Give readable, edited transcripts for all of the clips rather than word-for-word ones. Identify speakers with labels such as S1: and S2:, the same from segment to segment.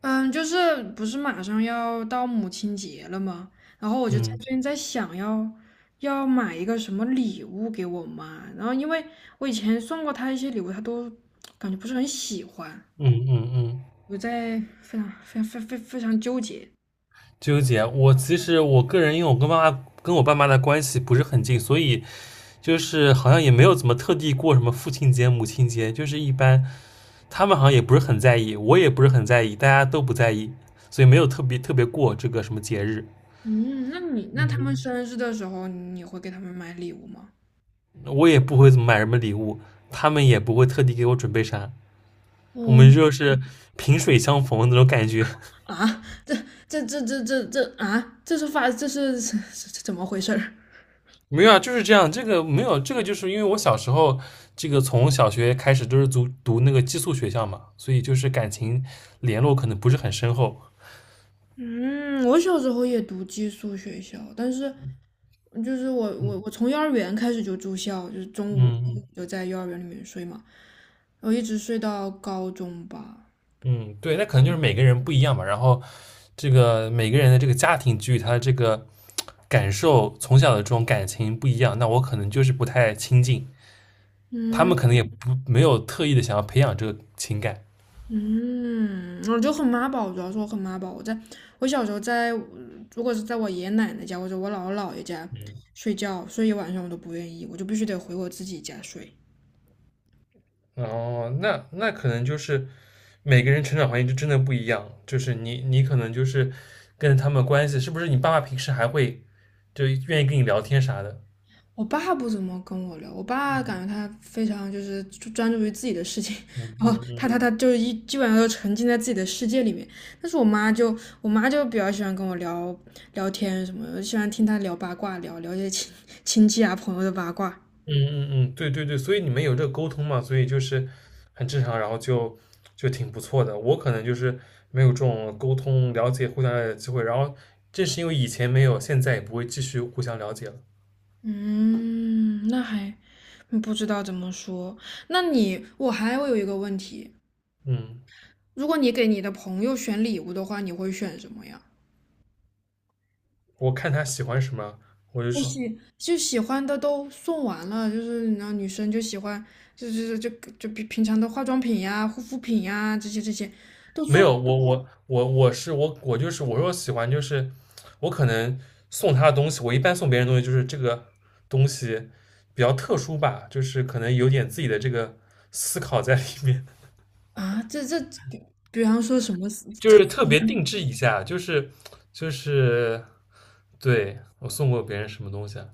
S1: 嗯，就是不是马上要到母亲节了吗？然后我就在
S2: 嗯
S1: 最近在想要买一个什么礼物给我妈，然后因为我以前送过她一些礼物，她都感觉不是很喜欢，
S2: 嗯嗯嗯，
S1: 我在非常非常非常纠结。
S2: 纠结。其实我个人，因为我跟我爸妈的关系不是很近，所以就是好像也没有怎么特地过什么父亲节、母亲节，就是一般他们好像也不是很在意，我也不是很在意，大家都不在意，所以没有特别特别过这个什么节日。
S1: 嗯，那他们生日的时候，你会给他们买礼物吗？
S2: 我也不会怎么买什么礼物，他们也不会特地给我准备啥，我们
S1: 嗯
S2: 就是萍水相逢的那种感觉。
S1: 啊，这啊，这是 这这怎么回事儿？
S2: 没有啊，就是这样。这个没有，这个就是因为我小时候，这个从小学开始都是读那个寄宿学校嘛，所以就是感情联络可能不是很深厚。
S1: 嗯，我小时候也读寄宿学校，但是就是我
S2: 嗯
S1: 我我从幼儿园开始就住校，就是中
S2: 嗯
S1: 午
S2: 嗯
S1: 就在幼儿园里面睡嘛，然后一直睡到高中吧。
S2: 嗯，对，那可能就是每个人不一样嘛。然后这个每个人的这个家庭给予他的这个感受，从小的这种感情不一样，那我可能就是不太亲近，他们
S1: 嗯
S2: 可能也不没有特意的想要培养这个情感。
S1: 嗯，我就很妈宝，主要是我很妈宝。我在我小时候在，如果是在我爷爷奶奶家或者我姥姥姥爷家睡觉，睡一晚上我都不愿意，我就必须得回我自己家睡。
S2: 哦，那可能就是每个人成长环境就真的不一样，就是你可能就是跟他们关系，是不是你爸爸平时还会就愿意跟你聊天啥的？
S1: 我爸不怎么跟我聊，我爸感觉他非常就是专注于自己的事情，
S2: 嗯
S1: 然后
S2: 嗯
S1: 他
S2: 嗯
S1: 他他就是一基本上都沉浸在自己的世界里面。但是我妈就比较喜欢跟我聊天什么的，喜欢听她聊八卦，聊聊一些亲戚啊朋友的八卦。
S2: 嗯嗯嗯，对对对，所以你们有这个沟通嘛，所以就是很正常，然后就挺不错的。我可能就是没有这种沟通、了解、互相了解的机会，然后正是因为以前没有，现在也不会继续互相了解了。
S1: 嗯，那还嗯不知道怎么说。那你我还会有一个问题，
S2: 嗯，
S1: 如果你给你的朋友选礼物的话，你会选什么呀？
S2: 我看他喜欢什么，我就
S1: 我
S2: 是
S1: 喜就喜欢的都送完了，就是然后女生就喜欢，就比平常的化妆品呀、护肤品呀这些这些都
S2: 没
S1: 送
S2: 有，我是我就是我说喜欢就是我可能送他的东西，我一般送别人的东西就是这个东西比较特殊吧，就是可能有点自己的这个思考在里面，
S1: 啊，这这比比方说什么
S2: 就
S1: 特
S2: 是特别定制一下，就是就是对我送过别人什么东西啊，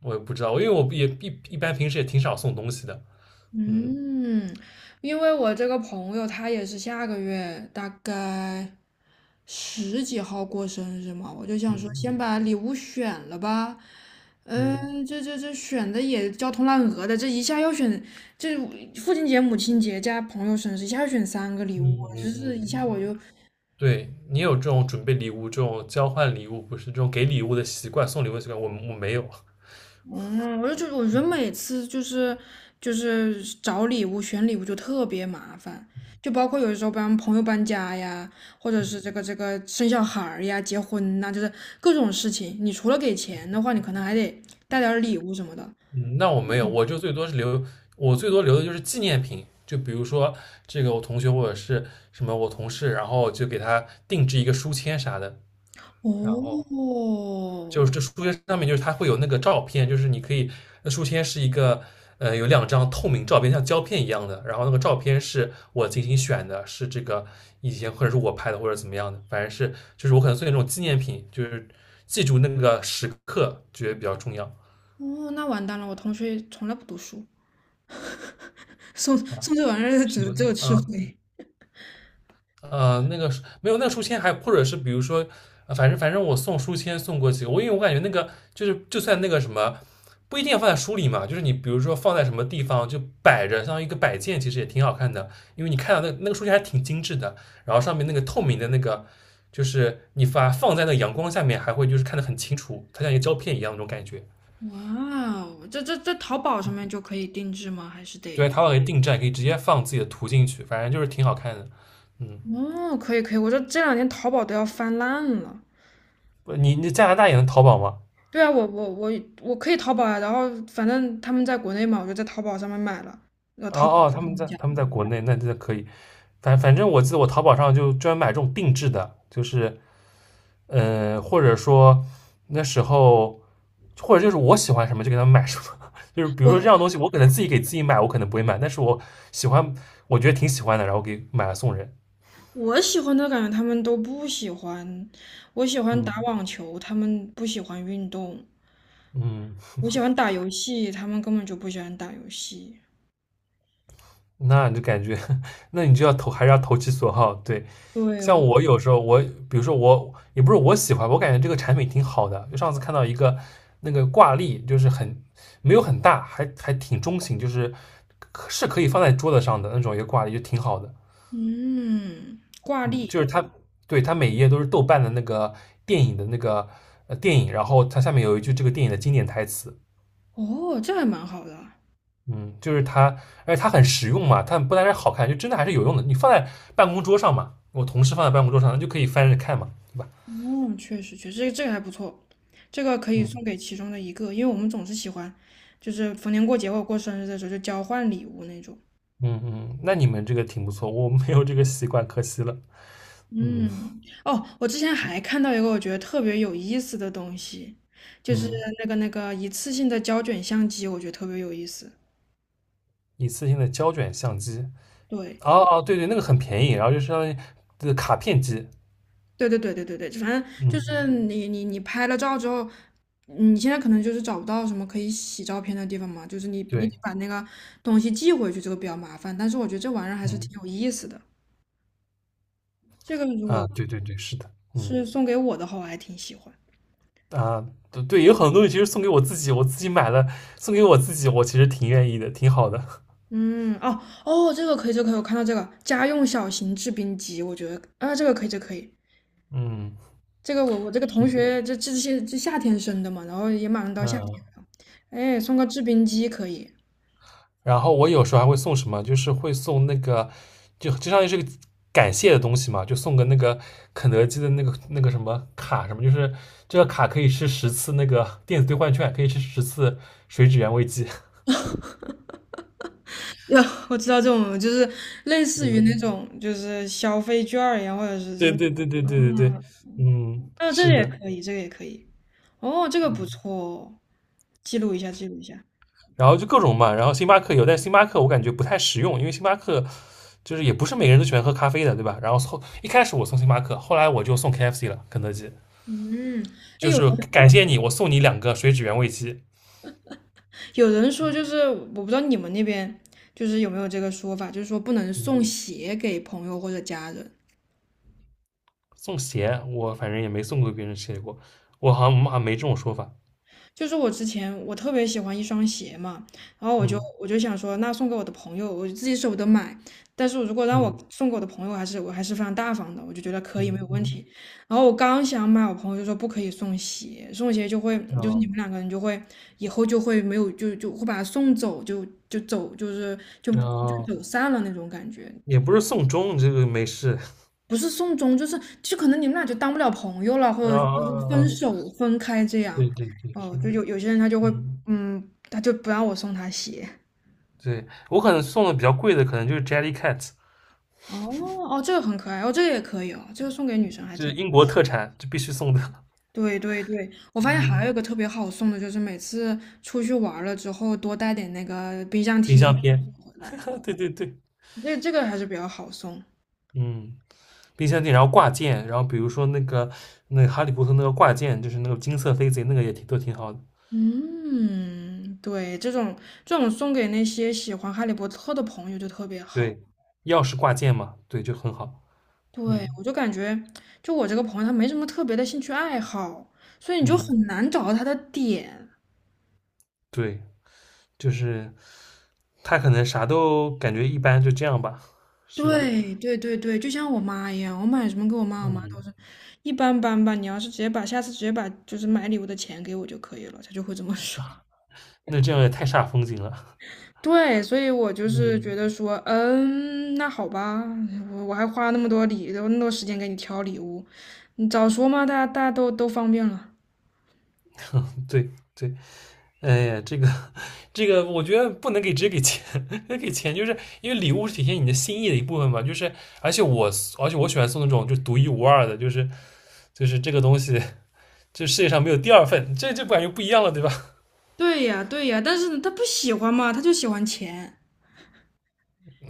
S2: 我也不知道，因为我也一般平时也挺少送东西的，嗯
S1: 嗯，因为我这个朋友他也是下个月大概十几号过生日嘛，我就想说先
S2: 嗯
S1: 把礼物选了吧。
S2: 嗯
S1: 嗯，这选的也焦头烂额的，这一下要选，这父亲节、母亲节加朋友生日，一下要选三个礼
S2: 嗯
S1: 物，
S2: 嗯
S1: 就
S2: 嗯
S1: 是
S2: 嗯，
S1: 一下
S2: 嗯
S1: 我就
S2: 对你有这种准备礼物、这种交换礼物，不是这种给礼物的习惯、送礼物的习惯，我没有。
S1: 嗯，我就觉得，我觉得每次就是就是找礼物、选礼物就特别麻烦，就包括有的时候帮朋友搬家呀，或者是这
S2: 嗯
S1: 个这个生小孩儿呀、结婚呐、就是各种事情。你除了给钱的话，你可能还得带点儿礼物什么的。
S2: 嗯，那我没有，我就最多是留，我最多留的就是纪念品，就比如说这个我同学或者是什么我同事，然后就给他定制一个书签啥的，然后
S1: 哦
S2: 就是这书签上面就是它会有那个照片，就是你可以，那书签是一个有两张透明照片，像胶片一样的，然后那个照片是我精心选的，是这个以前或者是我拍的或者怎么样的，反正是就是我可能做那种纪念品，就是记住那个时刻觉得比较重要。
S1: 哦，那完蛋了，我同学从来不读书，送这玩意儿
S2: 什
S1: 只
S2: 么？
S1: 只有吃
S2: 嗯
S1: 亏。
S2: 那个书没有那个书签还，或者是比如说，反正我送书签送过几个，我因为我感觉那个就是就算那个什么，不一定要放在书里嘛，就是你比如说放在什么地方就摆着，像一个摆件，其实也挺好看的，因为你看到那个书签还挺精致的，然后上面那个透明的那个，就是你把放在那个阳光下面，还会就是看得很清楚，它像一个胶片一样那种感觉。
S1: 哇哦，这淘宝上面就可以定制吗？还是得？
S2: 对，淘宝可以定制，可以直接放自己的图进去，反正就是挺好看的。嗯，
S1: 哦，可以可以，我这两年淘宝都要翻烂了。
S2: 不你加拿大也能淘宝吗？
S1: 对啊，我可以淘宝啊，然后反正他们在国内嘛，我就在淘宝上面买了，那
S2: 哦
S1: 淘宝
S2: 哦，他
S1: 上
S2: 们
S1: 面
S2: 在
S1: 讲，
S2: 他们在国内，那这可以。反正我记得我淘宝上就专门买这种定制的，就是或者说那时候，或者就是我喜欢什么就给他们买什么。就是比如
S1: 我
S2: 说这样东西，我可能自己给自己买，我可能不会买，但是我喜欢，我觉得挺喜欢的，然后给买了送人。
S1: 我喜欢的感觉他们都不喜欢，我喜欢打
S2: 嗯
S1: 网球，他们不喜欢运动，
S2: 嗯。
S1: 我喜欢打游戏，他们根本就不喜欢打游戏。
S2: 那你就感觉，那你就要投，还是要投其所好。对，
S1: 对，
S2: 像
S1: 我，
S2: 我有时候我，比如说我，也不是我喜欢，我感觉这个产品挺好的。就上次看到一个那个挂历，就是很没有很大，还挺中型，就是可是可以放在桌子上的那种一个挂历，就挺好的。
S1: 嗯，挂
S2: 嗯，
S1: 历，
S2: 就是它，对，它每一页都是豆瓣的那个电影的那个电影，然后它下面有一句这个电影的经典台词，
S1: 哦，这还蛮好的啊，
S2: 嗯，就是它，而且它很实用嘛，它不单是好看，就真的还是有用的。你放在办公桌上嘛，我同事放在办公桌上，那就可以翻着看嘛，对吧？
S1: 嗯，确实确实，这个这个还不错。这个可以
S2: 嗯
S1: 送给其中的一个，因为我们总是喜欢，就是逢年过节或者过生日的时候就交换礼物那种。
S2: 嗯嗯，那你们这个挺不错，我没有这个习惯，可惜了。嗯
S1: 嗯，哦，我之前还看到一个我觉得特别有意思的东西，就是
S2: 嗯，
S1: 那个一次性的胶卷相机，我觉得特别有意思。
S2: 一次性的胶卷相机，
S1: 对，
S2: 哦哦，对对，那个很便宜，然后就相当于这个卡片机。
S1: 对，反正
S2: 嗯
S1: 就是
S2: 嗯，
S1: 你拍了照之后，你现在可能就是找不到什么可以洗照片的地方嘛，就是你
S2: 对，
S1: 得把那个东西寄回去，这个比较麻烦。但是我觉得这玩意儿还是
S2: 嗯
S1: 挺有意思的。这个如果
S2: 啊，对对对，是的，嗯
S1: 是送给我的话，我还挺喜欢。
S2: 啊，对对，有很多东西其实送给我自己，我自己买了，送给我自己，我其实挺愿意的，挺好的。
S1: 嗯，哦哦，这个可以，这个可以，我看到这个家用小型制冰机，我觉得啊，这个可以，这个可以，
S2: 嗯，
S1: 这个我这个
S2: 是
S1: 同
S2: 的，
S1: 学这这些夏天生的嘛，然后也马上到夏天
S2: 嗯。
S1: 了，哎，送个制冰机可以。
S2: 然后我有时候还会送什么，就是会送那个，就相当于是个感谢的东西嘛，就送个那个肯德基的那个什么卡什么，就是这个卡可以吃十次那个电子兑换券，可以吃十次水煮原味鸡。
S1: 哟，我知道这种就是类似于那
S2: 嗯，
S1: 种就是消费券儿一样，或者是真
S2: 对
S1: 的
S2: 对对对对对
S1: 嗯，
S2: 对，嗯，
S1: 啊，这
S2: 是
S1: 个也
S2: 的，
S1: 可以，这个也可以。哦，这个不
S2: 嗯，
S1: 错哦，记录一下，记录一下。
S2: 然后就各种嘛，然后星巴克有，但星巴克我感觉不太实用，因为星巴克就是也不是每个人都喜欢喝咖啡的，对吧？然后一开始我送星巴克，后来我就送 KFC 了，肯德基。
S1: 嗯，哎
S2: 就
S1: 有
S2: 是感谢你，我送你两个水煮原味鸡。
S1: 有人说就是我不知道你们那边就是有没有这个说法，就是说不能
S2: 嗯，
S1: 送鞋给朋友或者家人。
S2: 送鞋我反正也没送过别人鞋过，我好像我们好像没这种说法。
S1: 就是我之前我特别喜欢一双鞋嘛，然后我就
S2: 嗯
S1: 我就想说，那送给我的朋友，我自己舍不得买，但是如果让我
S2: 嗯
S1: 送给我的朋友，还是我还是非常大方的，我就觉得可以没有
S2: 嗯
S1: 问
S2: 嗯，
S1: 题。然后我刚想买，我朋友就说不可以送鞋，送鞋就会就是
S2: 哦
S1: 你们两个人就会以后就会没有就会把他送走，就是
S2: 哦，
S1: 走散了那种感觉。
S2: 也不是送钟，这个没事。
S1: 不是送终，就是就可能你们俩就当不了朋友了，
S2: 啊
S1: 或者就是
S2: 啊
S1: 分
S2: 啊！
S1: 手分开这样。
S2: 对对对，
S1: 哦，
S2: 是，
S1: 就有些人他就会，
S2: 嗯，
S1: 嗯，他就不让我送他鞋。
S2: 对我可能送的比较贵的，可能就是 Jellycat，
S1: 哦哦，这个很可爱哦，这个也可以哦，这个送给女生还
S2: 就是
S1: 挺。
S2: 英国特产，就必须送的。
S1: 对对对，我发现还有
S2: 嗯，
S1: 一个特别好送的，就是每次出去玩儿了之后多带点那个冰箱
S2: 冰
S1: 贴
S2: 箱贴。
S1: 回来，
S2: 对对对，
S1: 这个还是比较好送。
S2: 嗯，冰箱店，然后挂件，然后比如说那个哈利波特那个挂件，就是那个金色飞贼，那个也挺都挺好的。
S1: 嗯，对，这种送给那些喜欢哈利波特的朋友就特别好。
S2: 对，钥匙挂件嘛，对，就很好。
S1: 对，
S2: 嗯
S1: 我就感觉，就我这个朋友，他没什么特别的兴趣爱好，所以你就
S2: 嗯，
S1: 很难找到他的点。
S2: 对，就是他可能啥都感觉一般，就这样吧，是吧？
S1: 对，就像我妈一样，我买什么给我妈，我妈都
S2: 嗯，
S1: 是一般般吧。你要是直接把下次直接把就是买礼物的钱给我就可以了，她就会这么 说。
S2: 那这样也太煞风景了。
S1: 对，所以我就是
S2: 嗯，
S1: 觉得说，嗯，那好吧，我还花那么多礼，那么多时间给你挑礼物，你早说嘛，大家都方便了。
S2: 对对，哎呀，这个，我觉得不能给直接给钱，给钱就是因为礼物是体现你的心意的一部分嘛。就是而且我而且我喜欢送那种就独一无二的，就是就是这个东西这世界上没有第二份，这感觉不一样了，对吧？
S1: 对呀，对呀，但是他不喜欢嘛，他就喜欢钱，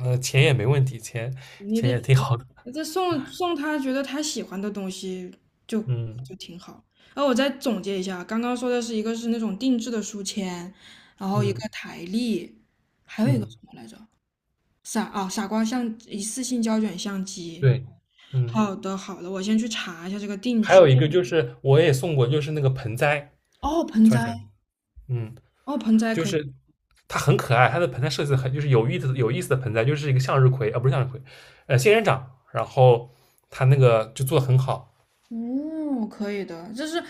S2: 钱也没问题，钱
S1: 你
S2: 钱也
S1: 得。
S2: 挺好的，
S1: 这送送他觉得他喜欢的东西就
S2: 嗯
S1: 就挺好。然后我再总结一下，刚刚说的是一个是那种定制的书签，然后一个
S2: 嗯
S1: 台历，还有一个
S2: 嗯，
S1: 什么来着？傻啊、傻瓜相一次性胶卷相机。
S2: 对，嗯，
S1: 好的好的，我先去查一下这个定
S2: 还有
S1: 制。
S2: 一个就是我也送过，就是那个盆栽，
S1: 哦，盆
S2: 突然想起，
S1: 栽，
S2: 嗯，
S1: 哦盆栽
S2: 就
S1: 可以，
S2: 是它很可爱，它的盆栽设计得很就是有意思的盆栽，就是一个向日葵啊，不是向日葵，仙人掌，然后它那个就做的很好，
S1: 哦可以的，就是。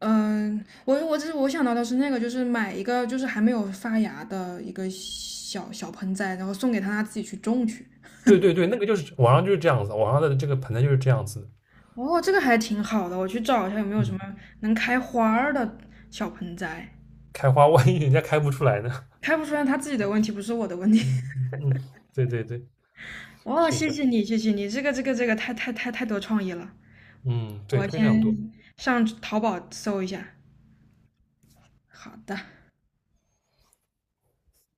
S1: 嗯，我这是我想到的是那个，就是买一个就是还没有发芽的一个小小盆栽，然后送给他，他自己去种去。
S2: 对对对，那个就是网上就是这样子，网上的这个盆栽就是这样子的
S1: 哦，这个还挺好的，我去找一下有没有什么
S2: 嗯，
S1: 能开花儿的小盆栽。
S2: 开花万一人家开不出来呢，
S1: 开不出来，他自己的问题，不是我的问题。
S2: 嗯嗯嗯，对对对。
S1: 哦，
S2: 是
S1: 谢
S2: 的，
S1: 谢你，谢谢你，这个太多创意了。
S2: 嗯，对，
S1: 我
S2: 非常
S1: 先
S2: 多。
S1: 上淘宝搜一下。好的。